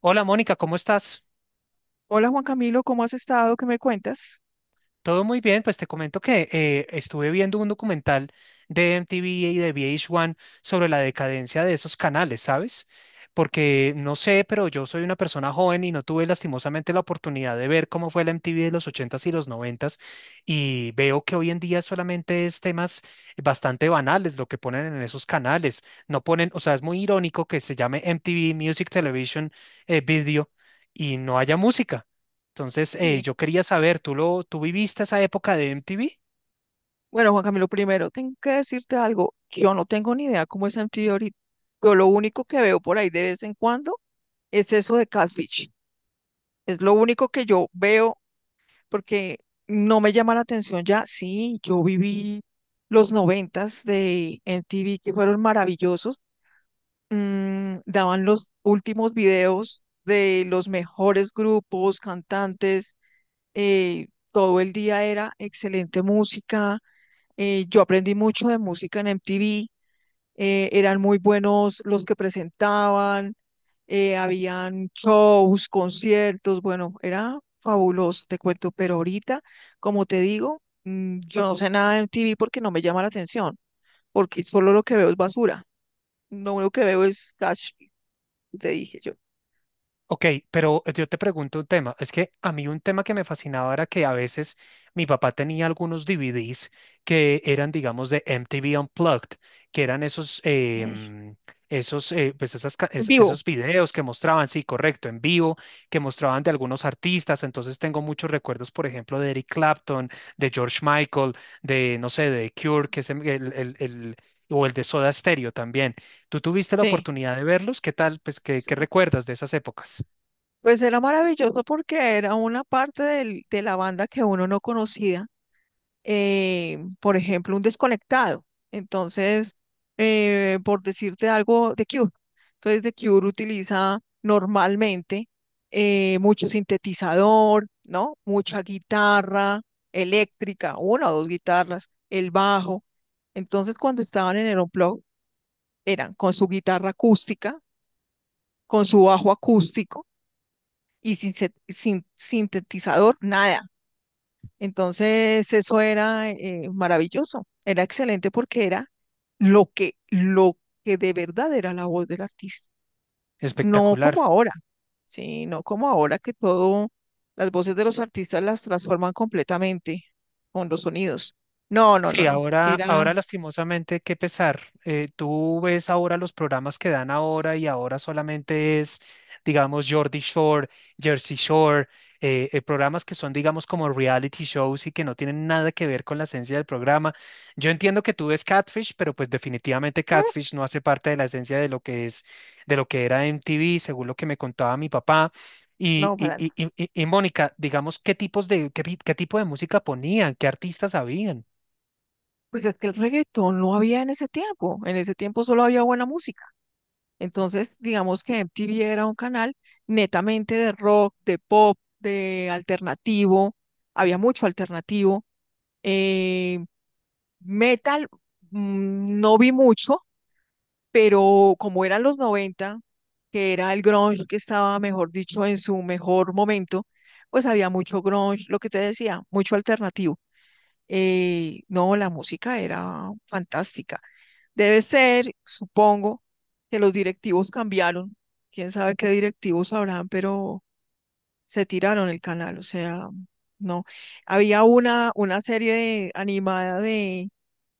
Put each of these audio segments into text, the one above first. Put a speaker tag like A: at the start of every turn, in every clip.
A: Hola Mónica, ¿cómo estás?
B: Hola Juan Camilo, ¿cómo has estado? ¿Qué me cuentas?
A: Todo muy bien, pues te comento que estuve viendo un documental de MTV y de VH1 sobre la decadencia de esos canales, ¿sabes? Porque no sé, pero yo soy una persona joven y no tuve lastimosamente la oportunidad de ver cómo fue la MTV de los ochentas y los noventas, y veo que hoy en día solamente es temas bastante banales lo que ponen en esos canales. No ponen, o sea, es muy irónico que se llame MTV Music Television Video, y no haya música. Entonces,
B: Sí.
A: yo quería saber, ¿tú viviste esa época de MTV?
B: Bueno, Juan Camilo, primero tengo que decirte algo. Que Yo no tengo ni idea cómo es Antioquia ahorita. Yo lo único que veo por ahí de vez en cuando es eso de Catfish. Es lo único que yo veo porque no me llama la atención ya. Sí, yo viví los noventas de MTV que fueron maravillosos. Mm, daban los últimos videos de los mejores grupos, cantantes. Todo el día era excelente música. Yo aprendí mucho de música en MTV. Eran muy buenos los que presentaban. Habían shows, conciertos, bueno, era fabuloso, te cuento. Pero ahorita, como te digo, mm, yo no sé nada de MTV porque no me llama la atención, porque solo lo que veo es basura, lo único que veo es cash, te dije yo.
A: Ok, pero yo te pregunto un tema. Es que a mí un tema que me fascinaba era que a veces mi papá tenía algunos DVDs que eran, digamos, de MTV Unplugged, que eran esos,
B: eh,
A: esos, pues
B: en vivo,
A: esos videos que mostraban, sí, correcto, en vivo, que mostraban de algunos artistas. Entonces tengo muchos recuerdos, por ejemplo, de Eric Clapton, de George Michael, de, no sé, de Cure, que es el. O el de Soda Stereo también. Tú tuviste la
B: sí.
A: oportunidad de verlos, ¿qué tal? Pues, ¿qué recuerdas de esas épocas?
B: Pues era maravilloso porque era una parte de la banda que uno no conocía. Por ejemplo, un desconectado. Entonces, por decirte algo, The Cure. Entonces, The Cure utiliza normalmente mucho sintetizador, ¿no? Mucha guitarra eléctrica, una o dos guitarras, el bajo. Entonces, cuando estaban en el Unplugged, eran con su guitarra acústica, con su bajo acústico y sin sintetizador, nada. Entonces, eso era maravilloso, era excelente porque era lo que de verdad era la voz del artista, no como
A: Espectacular.
B: ahora. Sí, no como ahora que todo, las voces de los artistas las transforman completamente con los sonidos. No, no, no,
A: Sí,
B: no, era,
A: ahora lastimosamente, qué pesar. Tú ves ahora los programas que dan ahora y ahora solamente es, digamos, Jordi Shore, Jersey Shore, programas que son, digamos, como reality shows y que no tienen nada que ver con la esencia del programa. Yo entiendo que tú ves Catfish, pero pues definitivamente
B: mm,
A: Catfish no hace parte de la esencia de lo que es, de lo que era MTV, según lo que me contaba mi papá. Y,
B: no,
A: y,
B: para nada.
A: y, y- y Mónica, digamos, ¿qué tipo de música ponían? ¿Qué artistas habían?
B: Pues es que el reggaetón no había en ese tiempo solo había buena música. Entonces, digamos que MTV era un canal netamente de rock, de pop, de alternativo, había mucho alternativo. eh, Metal no vi mucho, pero como eran los 90, que era el grunge que estaba, mejor dicho, en su mejor momento, pues había mucho grunge, lo que te decía, mucho alternativo. No, la música era fantástica. Debe ser, supongo, que los directivos cambiaron. Quién sabe qué directivos habrán, pero se tiraron el canal. O sea, no. Había una serie de, animada de,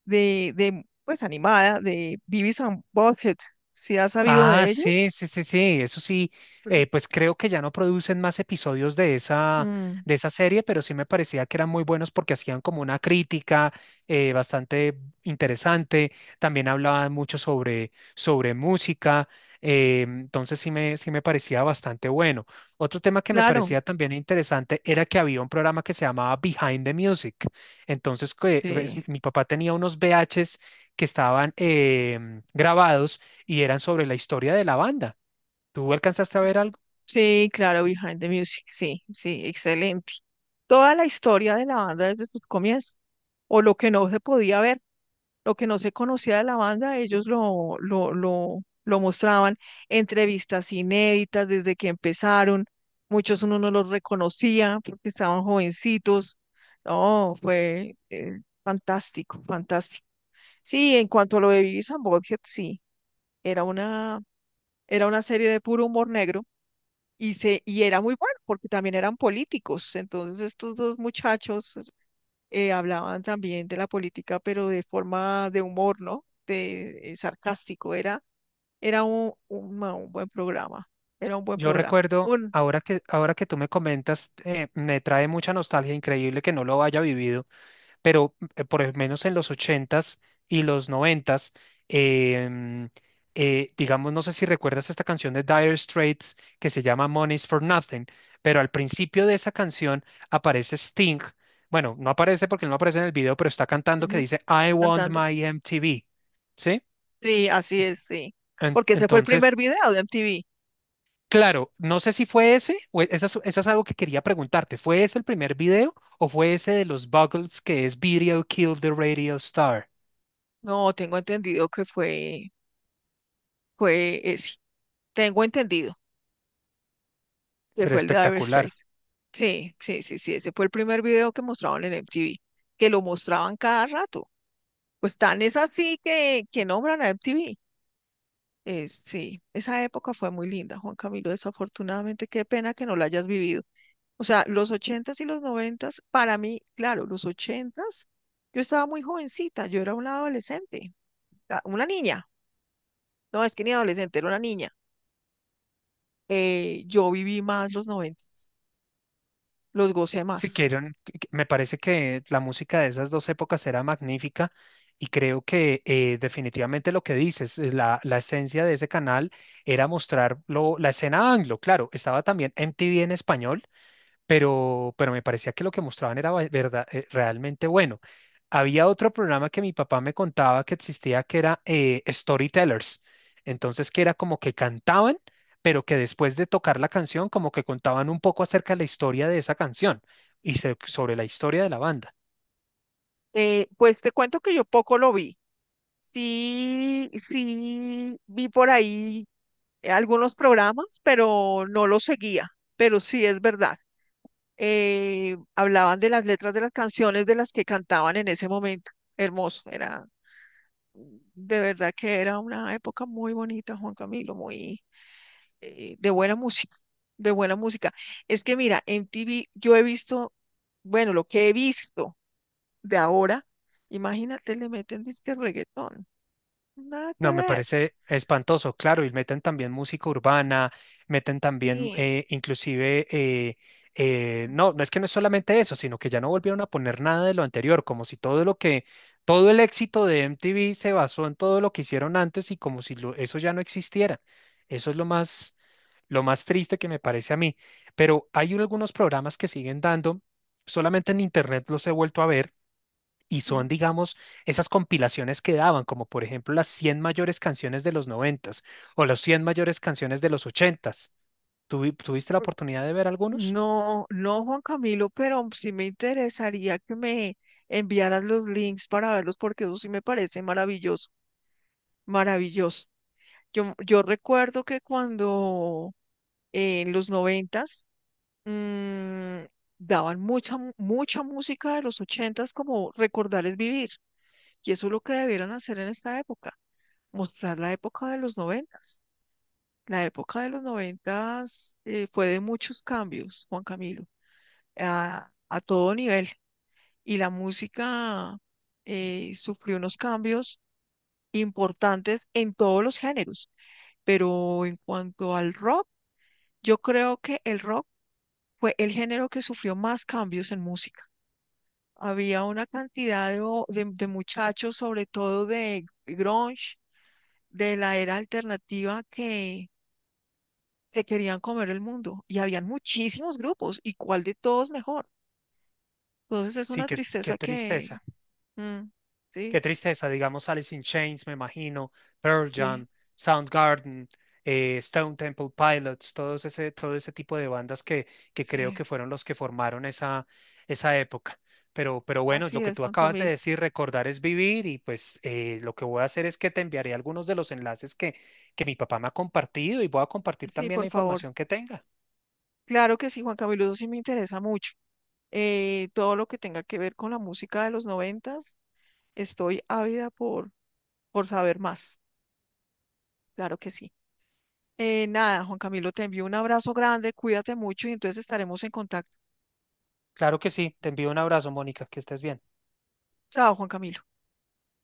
B: pues animada de Beavis and Butthead. ¿Sí has sabido
A: Ah,
B: de
A: sí,
B: ellos?
A: sí, sí, sí, eso sí, pues creo que ya no producen más episodios
B: Mm,
A: de esa serie, pero sí me parecía que eran muy buenos porque hacían como una crítica bastante interesante, también hablaban mucho sobre música, entonces sí me parecía bastante bueno. Otro tema que me
B: claro.
A: parecía también interesante era que había un programa que se llamaba Behind the Music, entonces que, ves,
B: Sí,
A: mi papá tenía unos VHs que estaban grabados y eran sobre la historia de la banda. ¿Tú alcanzaste a ver algo?
B: sí, claro, Behind the Music. Sí, sí, excelente. Toda la historia de la banda desde sus comienzos, o lo que no se podía ver, lo que no se conocía de la banda, ellos lo mostraban, entrevistas inéditas desde que empezaron. Muchos uno no los reconocía porque estaban jovencitos. No, fue fantástico, fantástico. Sí, en cuanto a lo de Beavis and Butthead, sí, era una, era una serie de puro humor negro. Y era muy bueno porque también eran políticos. Entonces estos dos muchachos hablaban también de la política, pero de forma de humor, ¿no? De sarcástico. Era un buen programa. Era un buen
A: Yo
B: programa.
A: recuerdo,
B: Un,
A: ahora que tú me comentas, me trae mucha nostalgia, increíble que no lo haya vivido, pero por lo menos en los ochentas y los noventas, em, digamos, no sé si recuerdas esta canción de Dire Straits que se llama Money's for Nothing, pero al principio de esa canción aparece Sting. Bueno, no aparece porque no aparece en el video, pero está cantando que
B: ujú.
A: dice I want
B: Cantando.
A: my MTV, ¿sí?
B: Sí, así es, sí. Porque ese fue el primer
A: Entonces,
B: video de MTV.
A: claro, no sé si fue ese, esa esa es algo que quería preguntarte. ¿Fue ese el primer video o fue ese de los Buggles que es Video Killed the Radio Star?
B: No, tengo entendido que fue, fue ese. Tengo entendido que
A: Pero
B: fue el de Dire
A: espectacular.
B: Straits. Sí, sí, sí, sí. Ese fue el primer video que mostraban en MTV, que lo mostraban cada rato. Pues tan es así que nombran a MTV. Es, sí, esa época fue muy linda, Juan Camilo. Desafortunadamente, qué pena que no la hayas vivido. O sea, los ochentas y los noventas, para mí, claro, los ochentas, yo estaba muy jovencita, yo era una adolescente. Una niña, no es que ni adolescente, era una niña. Yo viví más los noventas, los gocé
A: Si
B: más.
A: quieren, me parece que la música de esas dos épocas era magnífica, y creo que definitivamente lo que dices, la esencia de ese canal era mostrar la escena anglo. Claro, estaba también MTV en español, pero me parecía que lo que mostraban era verdad, realmente bueno. Había otro programa que mi papá me contaba que existía que era Storytellers. Entonces, que era como que cantaban, pero que después de tocar la canción, como que contaban un poco acerca de la historia de esa canción y sobre la historia de la banda.
B: Pues te cuento que yo poco lo vi. Sí, sí, vi por ahí algunos programas, pero no los seguía, pero sí es verdad. Hablaban de las letras de las canciones de las que cantaban en ese momento. Hermoso, era de verdad que era una época muy bonita, Juan Camilo, muy de buena música, de buena música. Es que mira, en TV yo he visto, bueno, lo que he visto de ahora, imagínate, le meten disque reggaetón, nada que
A: No, me
B: ver.
A: parece espantoso, claro, y meten también música urbana, meten también
B: Sí.
A: no, no es que no es solamente eso, sino que ya no volvieron a poner nada de lo anterior, como si todo el éxito de MTV se basó en todo lo que hicieron antes y como si eso ya no existiera. Eso es lo más triste que me parece a mí. Pero hay algunos programas que siguen dando, solamente en internet los he vuelto a ver y
B: eh,
A: son, digamos, esas compilaciones que daban, como por ejemplo las 100 mayores canciones de los noventas o las 100 mayores canciones de los ochentas. ¿Tuviste la oportunidad de ver algunos?
B: No, no, Juan Camilo, pero sí me interesaría que me enviaras los links para verlos porque eso sí me parece maravilloso, maravilloso. Yo recuerdo que cuando en los noventas mm, daban mucha música de los ochentas como recordarles vivir. Y eso es lo que debieran hacer en esta época, mostrar la época de los noventas. La época de los noventas fue de muchos cambios, Juan Camilo, a todo nivel. Y la música sufrió unos cambios importantes en todos los géneros. Pero en cuanto al rock, yo creo que el rock fue el género que sufrió más cambios en música. Había una cantidad de, de muchachos, sobre todo de grunge, de la era alternativa, que se querían comer el mundo. Y habían muchísimos grupos, y cuál de todos mejor. Entonces es
A: Sí,
B: una
A: qué
B: tristeza que...
A: tristeza.
B: Mm,
A: Qué
B: sí,
A: tristeza, digamos, Alice in Chains, me imagino, Pearl Jam,
B: sí,
A: Soundgarden, Stone Temple Pilots, todo ese tipo de bandas que creo
B: sí.
A: que fueron los que formaron esa, esa época. Pero bueno,
B: Así
A: lo que
B: es,
A: tú
B: Juan
A: acabas de
B: Camilo.
A: decir, recordar es vivir, y pues lo que voy a hacer es que te enviaré algunos de los enlaces que mi papá me ha compartido, y voy a compartir
B: Sí,
A: también la
B: por favor.
A: información que tenga.
B: Claro que sí, Juan Camilo, eso sí me interesa mucho. Todo lo que tenga que ver con la música de los noventas, estoy ávida por saber más. Claro que sí. Nada, Juan Camilo, te envío un abrazo grande, cuídate mucho y entonces estaremos en contacto.
A: Claro que sí, te envío un abrazo, Mónica, que estés bien.
B: Chao, Juan Camilo.